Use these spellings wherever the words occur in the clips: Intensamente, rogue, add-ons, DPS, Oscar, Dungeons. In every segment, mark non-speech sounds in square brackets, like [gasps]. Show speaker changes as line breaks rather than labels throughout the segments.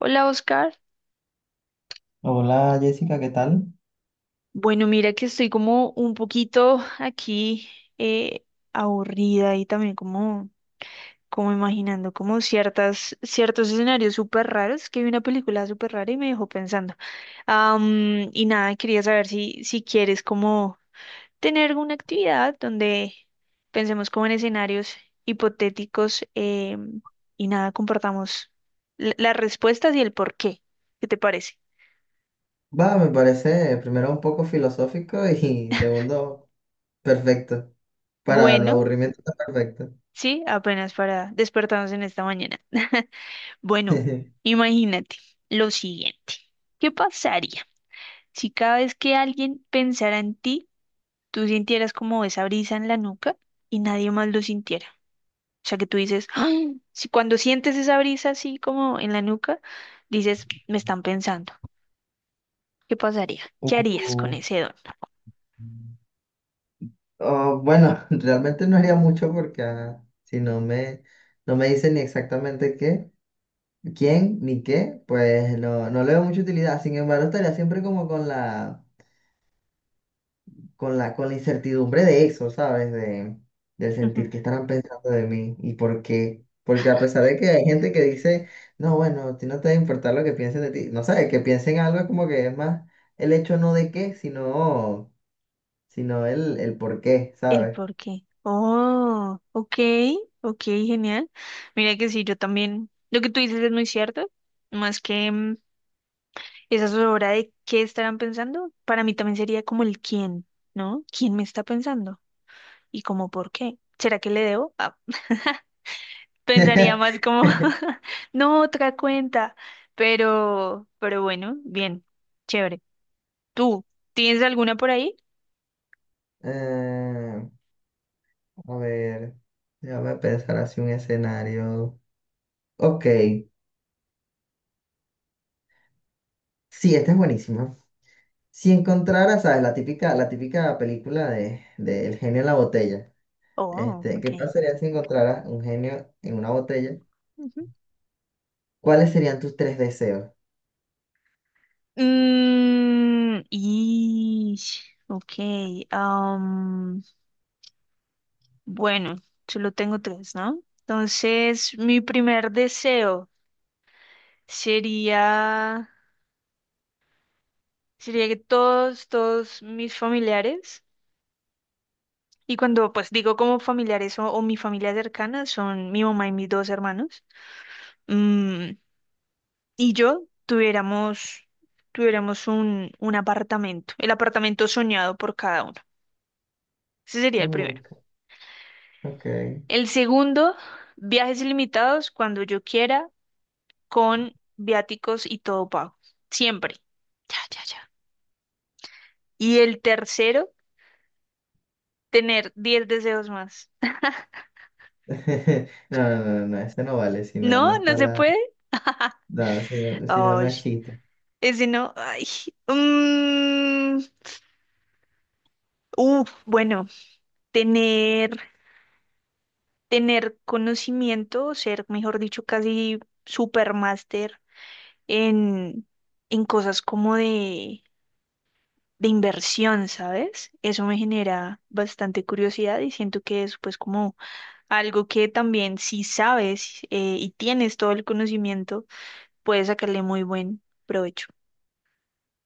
Hola, Oscar.
Hola Jessica, ¿qué tal?
Bueno, mira que estoy como un poquito aquí eh, aburrida y también como imaginando como ciertos escenarios súper raros, que vi una película súper rara y me dejó pensando. Y nada, quería saber si quieres como tener una actividad donde pensemos como en escenarios hipotéticos y nada, compartamos las respuestas y el por qué. ¿Qué te parece?
Va, me parece primero un poco filosófico [laughs] y
[laughs]
segundo perfecto. Para el
Bueno.
aburrimiento está perfecto.
Sí, apenas para despertarnos en esta mañana. [laughs] Bueno,
[laughs]
imagínate lo siguiente. ¿Qué pasaría si cada vez que alguien pensara en ti, tú sintieras como esa brisa en la nuca y nadie más lo sintiera? O sea, que tú dices, "Ay", si cuando sientes esa brisa así como en la nuca, dices, me están pensando. ¿Qué pasaría? ¿Qué harías con
Uh,
ese don?
Oh, bueno, [laughs] realmente no haría mucho porque si no me, no me dice ni exactamente qué, quién, ni qué, pues no, no le veo mucha utilidad. Sin embargo, estaría siempre como con la... con la, con la incertidumbre de eso, ¿sabes? De, del sentir que
[laughs]
estarán pensando de mí y por qué. Porque a pesar de que hay gente que dice, no, bueno, a ti no te debe importar lo que piensen de ti, no sabes, que piensen algo es como que es más el hecho no de qué, sino, sino el por qué,
El
¿sabes?
por qué. Oh, ok, ok, genial. Mira que sí, yo también, lo que tú dices es muy cierto, más que esa zozobra de qué estarán pensando, para mí también sería como el quién, ¿no? ¿Quién me está pensando? Y como por qué. ¿Será que le debo? Ah, [laughs] pensaría más como,
[laughs]
[laughs] no, otra cuenta. Pero bueno, bien, chévere. ¿Tú tienes alguna por ahí?
Eh, a ver, déjame pensar así un escenario. Ok, sí, este es buenísimo. Si encontraras, ¿sabes? La típica película de El genio en la botella.
Oh,
Este,
ok.
¿qué pasaría si encontraras un genio en una botella? ¿Cuáles serían tus tres deseos?
Y, ok, am, bueno, solo tengo tres, ¿no? Entonces, mi primer deseo sería, sería que todos mis familiares, y cuando pues digo como familiares o mi familia cercana, son mi mamá y mis dos hermanos, mm, y yo tuviéramos un apartamento, el apartamento soñado por cada uno. Ese sería el
Uh,
primero.
ok.
El segundo, viajes ilimitados cuando yo quiera, con viáticos y todo pago. Siempre. Ya, ya, ya. Y el tercero, tener 10 deseos más.
[laughs] No, no, no, no, ese no vale, si no,
No,
no
no
está
se puede.
la... No, si no, si no, no
Ay,
es chiste.
ese no. Ay. mm, Uf, bueno, tener, tener conocimiento, ser, mejor dicho, casi supermaster en, en cosas como de inversión, ¿sabes? Eso me genera bastante curiosidad y siento que es pues como algo que también si sabes y tienes todo el conocimiento, puedes sacarle muy buen provecho.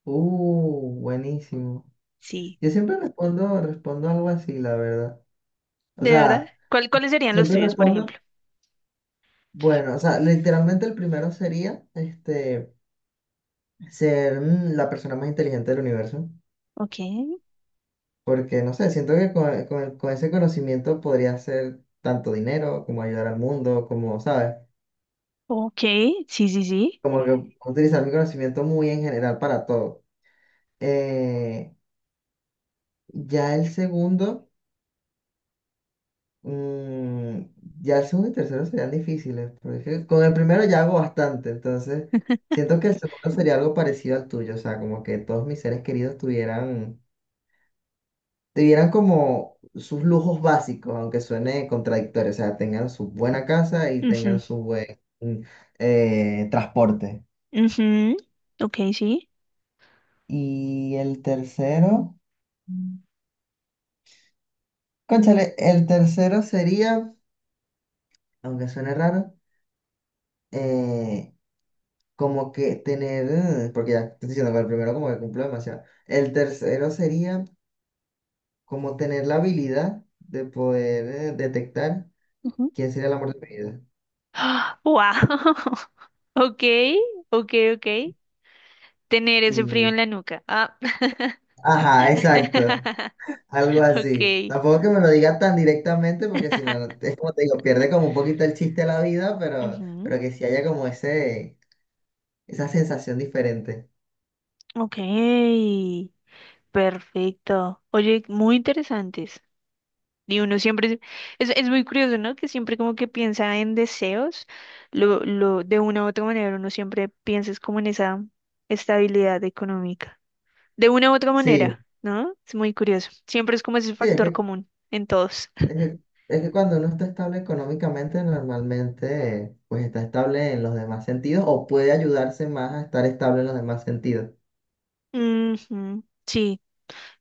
Buenísimo.
Sí,
Yo siempre respondo, respondo algo así, la verdad. O
de verdad.
sea,
¿Cuáles serían los
siempre
tuyos, por
respondo,
ejemplo?
bueno, o sea, literalmente el primero sería, este, ser la persona más inteligente del universo.
Ok,
Porque, no sé, siento que con, con ese conocimiento podría hacer tanto dinero como ayudar al mundo, como, ¿sabes?
ok, sí, sí, sí.
Como que sí, utilizar mi conocimiento muy en general para todo. Eh, ya el segundo, mm, ya el segundo y tercero serían difíciles, porque es que con el primero ya hago bastante, entonces siento que el segundo sería algo parecido al tuyo, o sea, como que todos mis seres queridos tuvieran, debieran como sus lujos básicos, aunque suene contradictorio, o sea, tengan su buena casa y
Ujú,
tengan su buen transporte.
ujú, ok, sí.
Y el tercero, cónchale, el tercero sería, aunque suene raro, eh, como que tener, porque ya te estoy diciendo que el primero como que cumplo demasiado. El tercero sería como tener la habilidad de poder detectar
Ujú.
quién sería el amor de mi vida.
[gasps] ¡Wow! [laughs] Ok, ok, ok. Tener ese frío en
Y,
la nuca. Ah.
ajá, exacto.
[laughs]
Algo así.
Ok.
Tampoco es que me lo diga tan directamente, porque
[laughs]
si no, es como te digo, pierde como un poquito el chiste de la vida,
Ujú,
pero que sí haya como ese, esa sensación diferente.
ok, perfecto. Oye, muy interesantes. Y uno siempre, es muy curioso, ¿no? Que siempre como que piensa en deseos, lo, de una u otra manera, uno siempre piensa es como en esa estabilidad económica. De una u otra
Sí,
manera, ¿no? Es muy curioso. Siempre es como ese
sí, es
factor
que,
común en todos.
es que, es que cuando uno está estable económicamente, normalmente pues está estable en los demás sentidos o puede ayudarse más a estar estable en los demás sentidos.
Ujú, sí,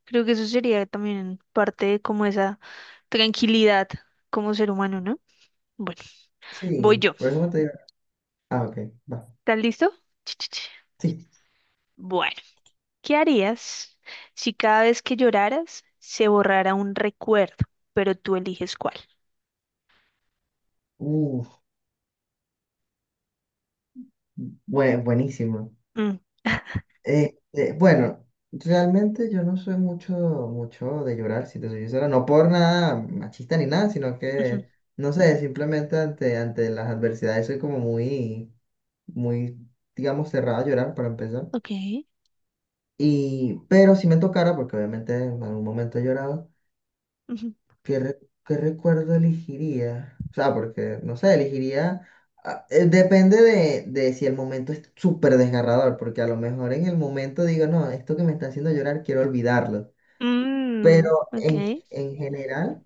creo que eso sería también parte de como esa tranquilidad como ser humano, ¿no? Bueno, voy
Sí,
yo.
por eso te digo. Ah, ok, va.
¿Estás listo? Ch, ch, ch.
Sí.
Bueno, ¿qué harías si cada vez que lloraras se borrara un recuerdo, pero tú eliges cuál?
Uf, buenísimo.
Mm. [laughs]
Bueno, realmente yo no soy mucho, mucho de llorar, si te soy sincero, no por nada machista ni nada, sino
Ujú,
que, no sé, simplemente ante, ante las adversidades soy como muy, muy, digamos, cerrada a llorar para empezar.
ok.
Y, pero si me tocara, porque obviamente en algún momento he llorado,
Ujú,
¿qué, qué recuerdo elegiría? O sea, porque, no sé, elegiría... depende de si el momento es súper desgarrador, porque a lo mejor en el momento digo, no, esto que me está haciendo llorar quiero olvidarlo. Pero
mm, ok.
en, en general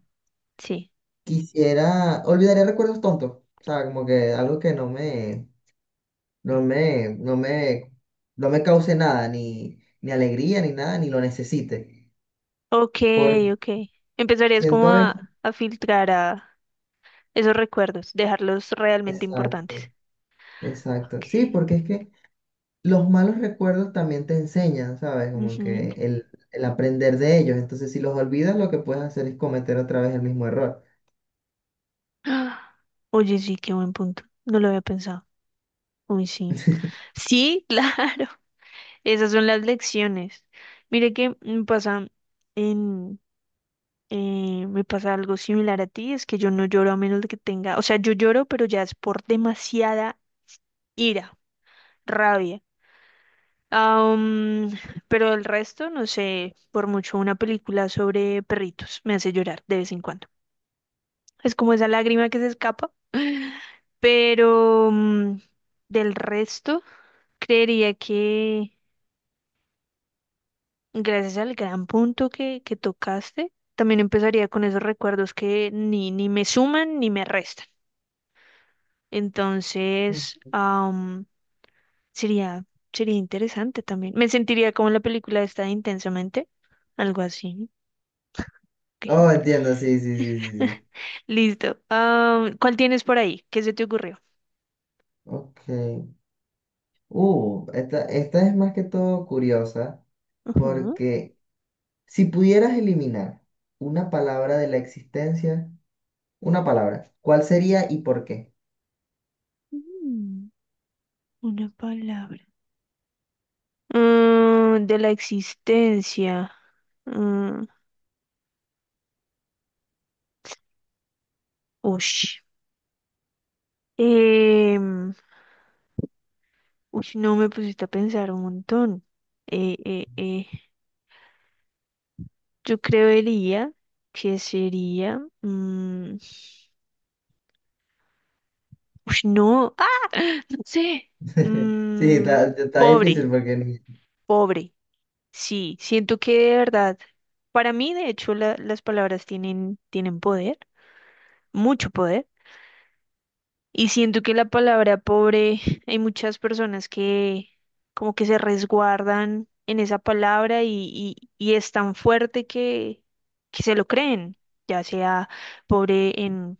Sí.
quisiera... Olvidaría recuerdos tontos. O sea, como que algo que no me... No me... No me... No me cause nada, ni, ni alegría, ni nada, ni lo necesite.
Ok,
Porque
ok. Empezarías
siento
como
haber...
a filtrar a esos recuerdos, dejarlos realmente
Exacto,
importantes.
exacto.
Ok.
Sí, porque es que... los malos recuerdos también te enseñan, ¿sabes? Como
Ujú.
que
[gasps]
el aprender de ellos. Entonces, si los olvidas, lo que puedes hacer es cometer otra vez el mismo error.
Ah, oye, sí, qué buen punto. No lo había pensado. Uy, sí. Sí, [laughs] claro. Esas son las lecciones. Mire que me pasa en, me pasa algo similar a ti, es que yo no lloro a menos de que tenga, o sea, yo lloro, pero ya es por demasiada ira, rabia. Am, pero el resto, no sé, por mucho una película sobre perritos me hace llorar de vez en cuando. Es como esa lágrima que se escapa. [laughs] Pero del resto, creería que gracias al gran punto que tocaste, también empezaría con esos recuerdos que ni me suman ni me restan.
Mm.
Entonces, sería, sería interesante también. Me sentiría como en la película esta de Intensamente, algo así. Ok,
Oh, entiendo, sí, sí, sí, sí, sí.
listo. ¿Cuál tienes por ahí? ¿Qué se te ocurrió?
Ok. Esta, esta es más que todo curiosa
Ujú.
porque si pudieras eliminar una palabra de la existencia, una palabra, ¿cuál sería y por qué?
Mm, Una palabra. De la existencia. Mm, Ush. Em, Uy, no me pusiste a pensar un montón. Eh, eh, eh, Yo creería que sería. Uy, no. ¡Ah! No sé.
[laughs] Sí,
Mm,
está, está
Pobre,
difícil porque ni...
pobre. Sí, siento que de verdad. Para mí, de hecho, las palabras tienen poder, mucho poder. Y siento que la palabra pobre, hay muchas personas que como que se resguardan en esa palabra y es tan fuerte que se lo creen, ya sea pobre en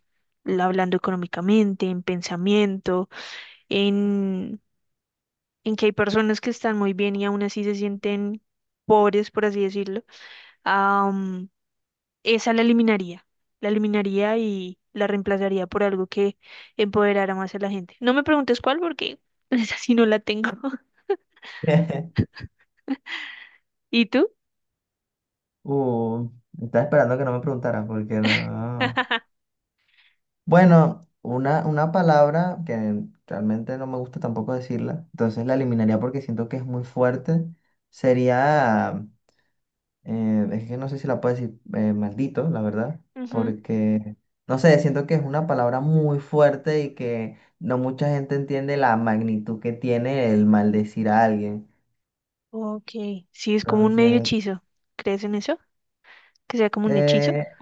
hablando económicamente, en pensamiento, en, en que hay personas que están muy bien y aún así se sienten pobres, por así decirlo. Esa la eliminaría. La eliminaría y la reemplazaría por algo que empoderara más a la gente. No me preguntes cuál porque [laughs] esa sí no la tengo. [laughs]
[laughs]
¿Y tú?
Uh, estaba esperando que no me preguntaras porque no.
[laughs]
Bueno, una palabra que realmente no me gusta tampoco decirla, entonces la eliminaría porque siento que es muy fuerte, sería, es que no sé si la puedo decir maldito, la verdad,
Ujú.
porque, no sé, siento que es una palabra muy fuerte y que no mucha gente entiende la magnitud que tiene el maldecir a alguien.
Ok. Sí, es como un medio
Entonces,
hechizo. ¿Crees en eso? Que sea como un hechizo.
eh,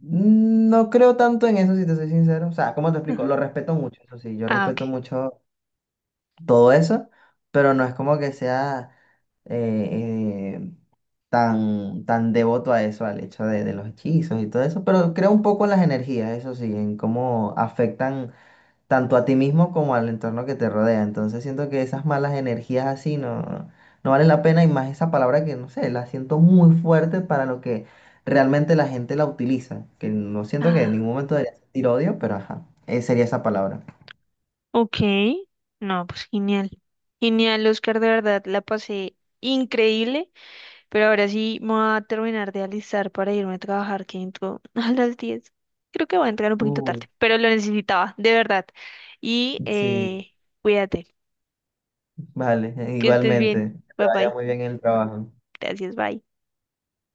no creo tanto en eso, si te soy sincero. O sea, ¿cómo te explico?
Ujú.
Lo respeto mucho, eso sí, yo
Ah,
respeto
ok.
mucho todo eso, pero no es como que sea eh, eh, tan, tan devoto a eso, al hecho de los hechizos y todo eso, pero creo un poco en las energías, eso sí, en cómo afectan tanto a ti mismo como al entorno que te rodea. Entonces siento que esas malas energías así no, no valen la pena y más esa palabra que, no sé, la siento muy fuerte para lo que realmente la gente la utiliza, que no siento que en ningún
Ah,
momento debería sentir odio, pero ajá, sería esa palabra.
ok. No, pues genial. Genial, Oscar, de verdad, la pasé increíble. Pero ahora sí me voy a terminar de alistar para irme a trabajar, que entro [laughs] a las 10. Creo que voy a entrar un poquito
Uh,
tarde, pero lo necesitaba, de verdad. Y
sí.
cuídate,
Vale,
que estés bien.
igualmente. Que te
Bye
vaya
bye.
muy bien en el trabajo.
Gracias, bye.